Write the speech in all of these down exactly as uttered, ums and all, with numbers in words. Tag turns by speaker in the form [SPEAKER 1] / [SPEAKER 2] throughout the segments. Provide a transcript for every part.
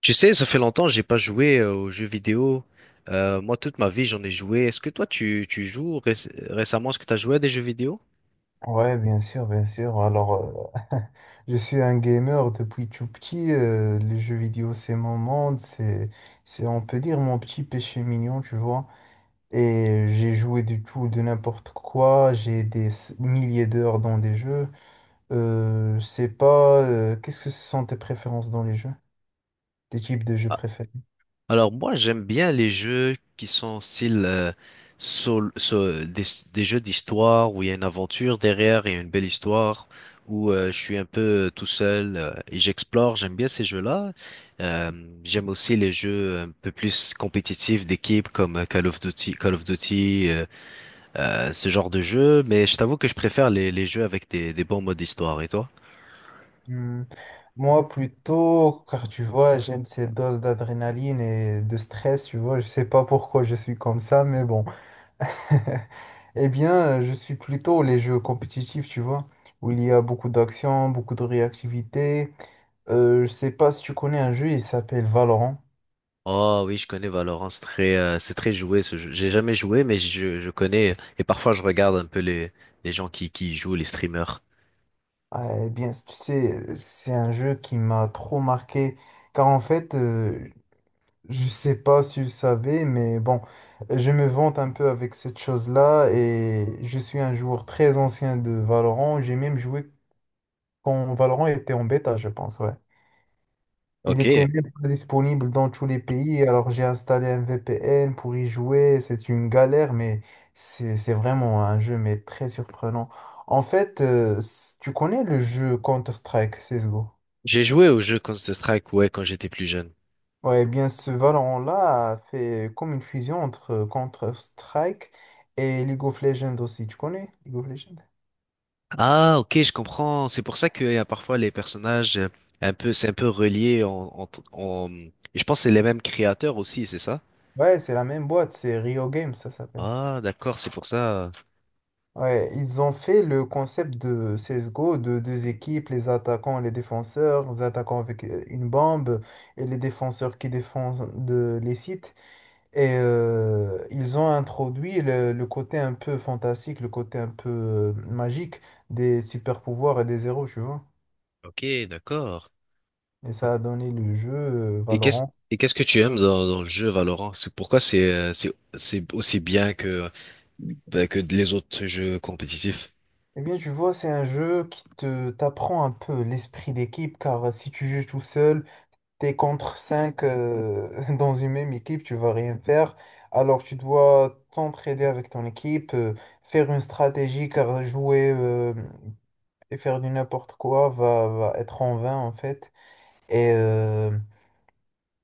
[SPEAKER 1] Tu sais, ça fait longtemps que j'ai pas joué euh, aux jeux vidéo. Euh, moi, toute ma vie, j'en ai joué. Est-ce que toi, tu, tu joues réc- récemment? Est-ce que tu as joué à des jeux vidéo?
[SPEAKER 2] Ouais, bien sûr, bien sûr. Alors, euh, je suis un gamer depuis tout petit. Euh, les jeux vidéo, c'est mon monde. C'est, c'est, on peut dire, mon petit péché mignon, tu vois. Et j'ai joué du tout, de n'importe quoi. J'ai des s- milliers d'heures dans des jeux. Euh, je sais pas, euh, qu'est-ce que ce sont tes préférences dans les jeux? Tes types de jeux
[SPEAKER 1] Ah,
[SPEAKER 2] préférés?
[SPEAKER 1] alors moi, j'aime bien les jeux qui sont style euh, sol- sol- des, des jeux d'histoire où il y a une aventure derrière et une belle histoire, où euh, je suis un peu euh, tout seul euh, et j'explore. J'aime bien ces jeux-là. Euh, J'aime aussi les jeux un peu plus compétitifs d'équipe comme euh, Call of Duty, Call of Duty. euh, euh, ce genre de jeu, mais je t'avoue que je préfère les, les jeux avec des, des bons modes histoire. Et toi?
[SPEAKER 2] Hmm, moi, plutôt, car tu vois, j'aime ces doses d'adrénaline et de stress, tu vois. Je sais pas pourquoi je suis comme ça, mais bon. Eh bien, euh, je suis plutôt les jeux compétitifs, tu vois, où il y a beaucoup d'action, beaucoup de réactivité. Euh, je sais pas si tu connais un jeu, il s'appelle Valorant.
[SPEAKER 1] Oh oui, je connais Valorant, c'est très, euh, c'est très joué ce jeu. J'ai jamais joué, mais je, je connais et parfois je regarde un peu les, les gens qui, qui y jouent, les streamers.
[SPEAKER 2] Ah, eh bien, tu sais, c'est un jeu qui m'a trop marqué, car en fait, euh, je sais pas si tu le savais, mais bon, je me vante un peu avec cette chose-là, et je suis un joueur très ancien de Valorant. J'ai même joué quand Valorant était en bêta, je pense, ouais. Il
[SPEAKER 1] Ok.
[SPEAKER 2] était même pas disponible dans tous les pays, alors j'ai installé un V P N pour y jouer. C'est une galère, mais c'est c'est vraiment un jeu mais très surprenant. En fait, euh, s- tu connais le jeu Counter-Strike C S G O?
[SPEAKER 1] J'ai joué au jeu Counter-Strike, ouais, quand j'étais plus jeune.
[SPEAKER 2] Ouais, eh bien ce Valorant-là a fait comme une fusion entre euh, Counter-Strike et League of Legends aussi. Tu connais League of Legends?
[SPEAKER 1] Ah, ok, je comprends. C'est pour ça qu'il y a parfois les personnages euh, un peu, c'est un peu relié en, en, en- et je pense que c'est les mêmes créateurs aussi, c'est ça?
[SPEAKER 2] Ouais, c'est la même boîte, c'est Rio Games, ça s'appelle.
[SPEAKER 1] Ah, d'accord, c'est pour ça.
[SPEAKER 2] Ouais, ils ont fait le concept de C S G O, de deux équipes, les attaquants et les défenseurs, les attaquants avec euh, une bombe et les défenseurs qui défendent de- les sites. Et euh, ils ont introduit le, le côté un peu fantastique, le côté un peu euh, magique des super pouvoirs et des héros, tu vois.
[SPEAKER 1] Ok, d'accord.
[SPEAKER 2] Et ça a donné le jeu euh,
[SPEAKER 1] Et qu'est-ce
[SPEAKER 2] Valorant.
[SPEAKER 1] et qu'est-ce que tu aimes dans, dans le jeu Valorant? C'est pourquoi c'est euh, c'est c'est aussi bien que bah, que les autres jeux compétitifs.
[SPEAKER 2] Eh bien, tu vois, c'est un jeu qui te t'apprend un peu l'esprit d'équipe, car si tu joues tout seul, t'es contre cinq dans une même équipe, tu vas rien faire. Alors tu dois t'entraider avec ton équipe, euh, faire une stratégie, car jouer euh, et faire du n'importe quoi va, va être en vain en fait. Et euh,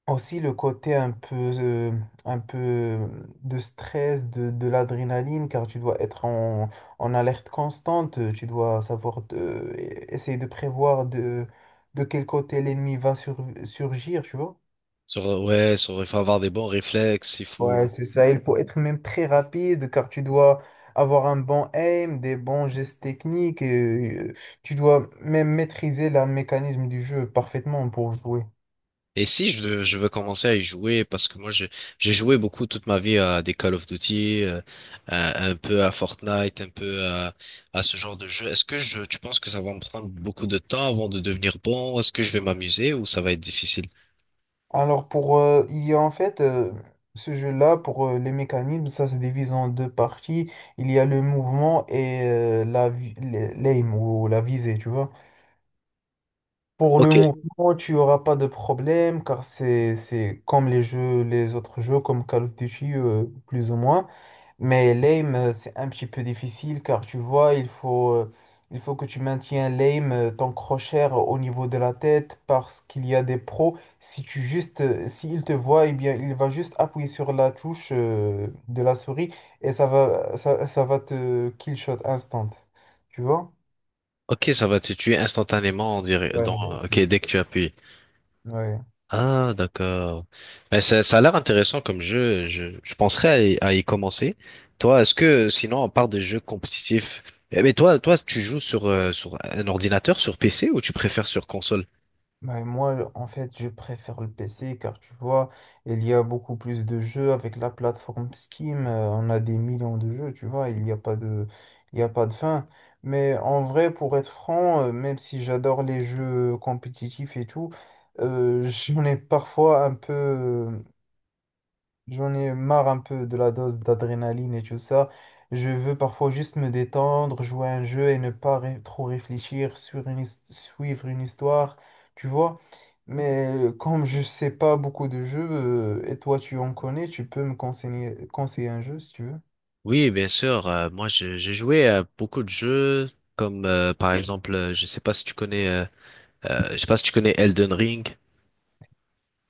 [SPEAKER 2] aussi le côté un peu, euh, un peu de stress, de, de l'adrénaline, car tu dois être en, en alerte constante, euh, tu dois savoir de- essayer de prévoir de, de quel côté l'ennemi va sur- surgir, tu vois.
[SPEAKER 1] Sur, ouais, sur, il faut avoir des bons réflexes, il faut.
[SPEAKER 2] Ouais, c'est ça. Il faut être même très rapide car tu dois avoir un bon aim, des bons gestes techniques. Et, euh, tu dois même maîtriser le mécanisme du jeu parfaitement pour jouer.
[SPEAKER 1] Et si je, je veux commencer à y jouer, parce que moi je- j'ai joué beaucoup toute ma vie à des Call of Duty, euh, à- un peu à Fortnite, un peu à, à ce genre de jeu, est-ce que je, tu penses que ça va me prendre beaucoup de temps avant de devenir bon? Est-ce que je vais m'amuser ou ça va être difficile?
[SPEAKER 2] Alors pour euh, il y a en fait euh, ce jeu-là pour euh, les mécanismes, ça se divise en deux parties. Il y a le mouvement et euh, la vi- le- l'aim ou la visée, tu vois. Pour le
[SPEAKER 1] Ok.
[SPEAKER 2] mouvement, tu auras pas de problème car c'est c'est comme les jeux, les autres jeux comme Call of Duty euh, plus ou moins. Mais l'aim, euh, c'est un petit peu difficile car tu vois, il faut, euh, il faut que tu maintiens l'aim, euh, ton crochet euh, au niveau de la tête parce qu'il y a des pros. Si tu juste, euh, s'il te voit, eh bien, il va juste appuyer sur la touche, euh, de la souris et ça va, ça, ça va te kill shot instant. Tu vois?
[SPEAKER 1] Ok, ça va te tuer instantanément, on dirait,
[SPEAKER 2] Ouais,
[SPEAKER 1] dans, ok,
[SPEAKER 2] c'est
[SPEAKER 1] dès que
[SPEAKER 2] ça.
[SPEAKER 1] tu appuies.
[SPEAKER 2] Ouais.
[SPEAKER 1] Ah, d'accord. Mais ça, ça a l'air intéressant comme jeu. Je, je penserais à y, à y commencer. Toi, est-ce que, sinon, on part des jeux compétitifs, eh, mais toi, toi, tu joues sur, euh, sur un ordinateur, sur P C, ou tu préfères sur console?
[SPEAKER 2] Ouais, moi, en fait, je préfère le P C car tu vois, il y a beaucoup plus de jeux avec la plateforme Steam. Euh, on a des millions de jeux, tu vois, il n'y a pas de, il n'y a pas de fin. Mais en vrai, pour être franc, euh, même si j'adore les jeux compétitifs et tout, euh, j'en ai parfois un peu, euh, j'en ai marre un peu de la dose d'adrénaline et tout ça. Je veux parfois juste me détendre, jouer à un jeu et ne pas ré- trop réfléchir sur une, his- suivre une histoire, tu vois. Mais euh, comme je sais pas beaucoup de jeux, euh, et toi tu en connais, tu peux me conseiller, conseiller un jeu si tu veux.
[SPEAKER 1] Oui, bien sûr. Euh, moi, j'ai j'ai joué à beaucoup de jeux, comme euh, par exemple, euh, je sais pas si tu connais, euh, euh, je sais pas si tu connais Elden Ring.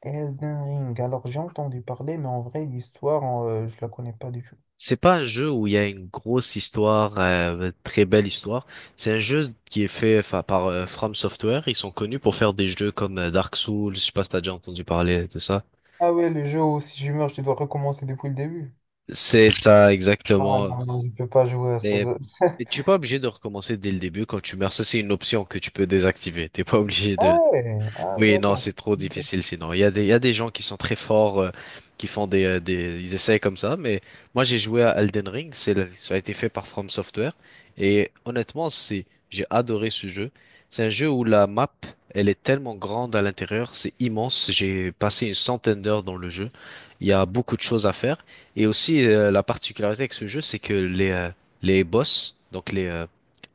[SPEAKER 2] Elden Ring. Alors j'ai entendu parler, mais en vrai, l'histoire, euh, je la connais pas du tout.
[SPEAKER 1] C'est pas un jeu où il y a une grosse histoire, euh, très belle histoire. C'est un jeu qui est fait enfin, par euh, From Software. Ils sont connus pour faire des jeux comme euh, Dark Souls. Je sais pas si t'as déjà entendu parler de ça.
[SPEAKER 2] Ah ouais, le jeu où si je meurs, je dois recommencer depuis le début.
[SPEAKER 1] C'est ça
[SPEAKER 2] Ah
[SPEAKER 1] exactement.
[SPEAKER 2] non, non, je peux pas jouer à ça.
[SPEAKER 1] Mais,
[SPEAKER 2] Ça-
[SPEAKER 1] mais tu es pas obligé de recommencer dès le début quand tu meurs. Ça, c'est une option que tu peux désactiver. T'es pas obligé
[SPEAKER 2] Ah
[SPEAKER 1] de.
[SPEAKER 2] ouais, ah
[SPEAKER 1] Oui, non,
[SPEAKER 2] d'accord.
[SPEAKER 1] c'est trop difficile sinon. Il y a des, il y a des gens qui sont très forts, euh, qui font des, euh, des, ils essayent comme ça, mais moi j'ai joué à Elden Ring, c'est le- ça a été fait par From Software, et honnêtement, c'est, j'ai adoré ce jeu. C'est un jeu où la map, elle est tellement grande à l'intérieur, c'est immense. J'ai passé une centaine d'heures dans le jeu. Il y a beaucoup de choses à faire, et aussi euh, la particularité avec ce jeu, c'est que les, euh, les boss, donc les, euh,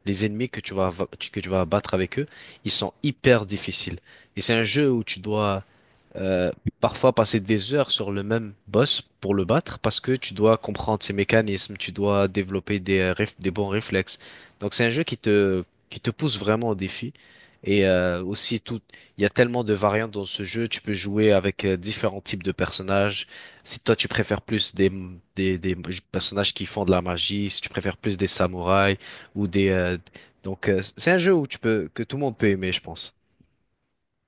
[SPEAKER 1] les ennemis que tu vas, que tu vas battre avec eux, ils sont hyper difficiles. Et c'est un jeu où tu dois euh, parfois passer des heures sur le même boss pour le battre parce que tu dois comprendre ses mécanismes, tu dois développer des, euh, réf- des bons réflexes. Donc c'est un jeu qui te, qui te pousse vraiment au défi. Et euh, aussi tout, il y a tellement de variantes dans ce jeu. Tu peux jouer avec euh, différents types de personnages. Si toi tu préfères plus des, des, des personnages qui font de la magie, si tu préfères plus des samouraïs ou des euh, donc euh, c'est un jeu où tu peux que tout le monde peut aimer, je pense.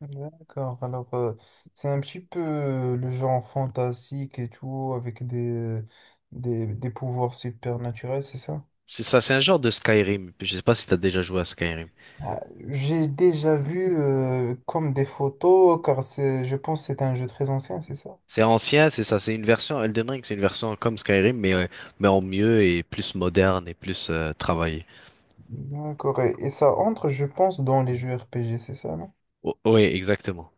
[SPEAKER 2] D'accord, alors euh, c'est un petit peu euh, le genre fantastique et tout, avec des, des, des pouvoirs supernaturels, c'est ça?
[SPEAKER 1] C'est ça, c'est un genre de Skyrim. Je sais pas si t'as déjà joué à Skyrim.
[SPEAKER 2] Ah, j'ai déjà vu euh, comme des photos, car c'est, je pense que c'est un jeu très ancien, c'est ça?
[SPEAKER 1] C'est ancien, c'est ça, c'est une version Elden Ring, c'est une version comme Skyrim, mais, euh, mais en mieux et plus moderne et plus euh, travaillée.
[SPEAKER 2] D'accord. Et, et ça entre, je pense, dans les jeux R P G, c'est ça, non?
[SPEAKER 1] O- oui, exactement.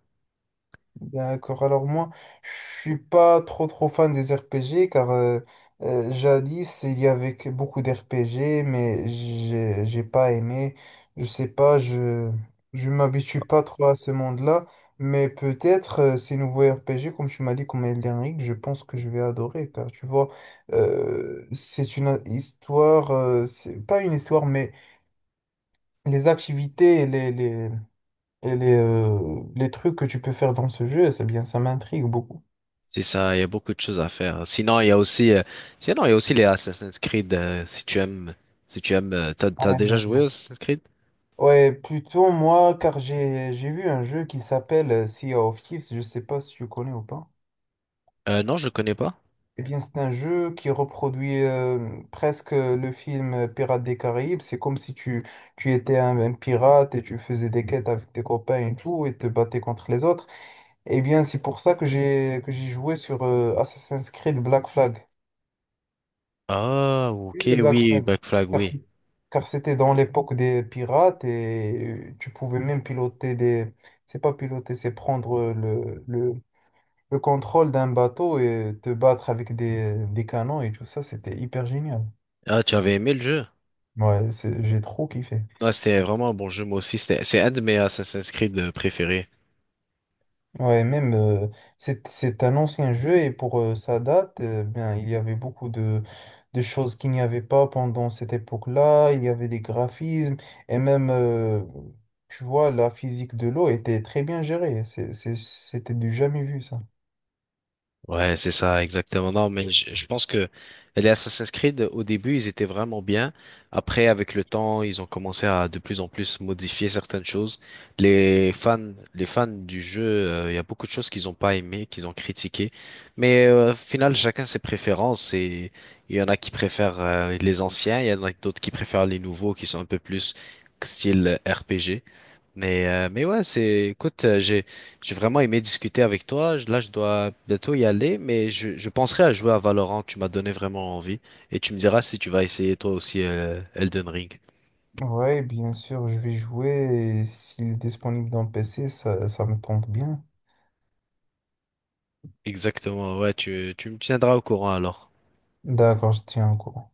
[SPEAKER 2] D'accord, alors moi, je suis pas trop trop fan des R P G car euh, euh, jadis il y avait que beaucoup d'R P G mais j'ai j'ai pas aimé. Je sais pas, je je m'habitue pas trop à ce monde-là, mais peut-être euh, ces nouveaux R P G comme tu m'as dit comme Elden Ring, je pense que je vais adorer car tu vois euh, c'est une histoire, euh, c'est pas une histoire mais les activités et les les et les, euh, les trucs que tu peux faire dans ce jeu, c'est bien ça m'intrigue beaucoup.
[SPEAKER 1] C'est ça, il y a beaucoup de choses à faire. Sinon, il y a aussi, euh, sinon, il y a aussi les Assassin's Creed, euh, si tu aimes, si tu aimes, euh, t'as, t'as
[SPEAKER 2] Ouais,
[SPEAKER 1] déjà
[SPEAKER 2] ouais, ouais.
[SPEAKER 1] joué aux Assassin's Creed?
[SPEAKER 2] Ouais, plutôt moi, car j'ai j'ai vu un jeu qui s'appelle euh, Sea of Thieves, je sais pas si tu connais ou pas.
[SPEAKER 1] Euh, non, je connais pas.
[SPEAKER 2] Eh bien, c'est un jeu qui reproduit euh, presque le film euh, Pirates des Caraïbes. C'est comme si tu, tu étais un, un pirate et tu faisais des quêtes avec tes copains et tout, et te battais contre les autres. Eh bien, c'est pour ça que j'ai que j'ai joué sur euh, Assassin's Creed Black Flag.
[SPEAKER 1] Ah,
[SPEAKER 2] Oui,
[SPEAKER 1] ok,
[SPEAKER 2] le Black
[SPEAKER 1] oui,
[SPEAKER 2] Flag.
[SPEAKER 1] Black Flag,
[SPEAKER 2] Car c'est-
[SPEAKER 1] oui.
[SPEAKER 2] Car c'était dans l'époque des pirates et euh, tu pouvais même piloter des… C'est pas piloter, c'est prendre euh, le, le, le contrôle d'un bateau et te battre avec des, des canons et tout ça. C'était hyper génial.
[SPEAKER 1] Ah, tu avais aimé le jeu?
[SPEAKER 2] Ouais, c'est- j'ai trop kiffé.
[SPEAKER 1] Ouais, c'était vraiment un bon jeu, moi aussi. C'était, c'est un de mes Assassin's Creed euh, préférés.
[SPEAKER 2] Ouais, même euh, c'est c'est un ancien jeu et pour euh, sa date, euh, bien, il y avait beaucoup de, de choses qu'il n'y avait pas pendant cette époque-là. Il y avait des graphismes et même, euh, tu vois, la physique de l'eau était très bien gérée. C'est- c'est- C'était du jamais vu, ça.
[SPEAKER 1] Ouais, c'est ça, exactement. Non, mais je, je pense que les Assassin's Creed, au début, ils étaient vraiment bien. Après, avec le temps, ils ont commencé à de plus en plus modifier certaines choses. Les fans, les fans du jeu, euh, il y a beaucoup de choses qu'ils ont pas aimées, qu'ils ont critiquées. Mais euh, au final, chacun ses préférences. Et il y en a qui préfèrent euh, les anciens, il y en a d'autres qui préfèrent les nouveaux, qui sont un peu plus style R P G. Mais, euh, mais ouais, c'est, écoute, euh, j'ai, j'ai vraiment aimé discuter avec toi. Je- Là, je dois bientôt y aller, mais je, je penserai à jouer à Valorant. Tu m'as donné vraiment envie. Et tu me diras si tu vas essayer toi aussi euh, Elden Ring.
[SPEAKER 2] Ouais, bien sûr, je vais jouer et s'il est disponible dans le P C, ça, ça me tente bien.
[SPEAKER 1] Exactement, ouais, tu, tu me tiendras au courant alors.
[SPEAKER 2] D'accord, je tiens au courant.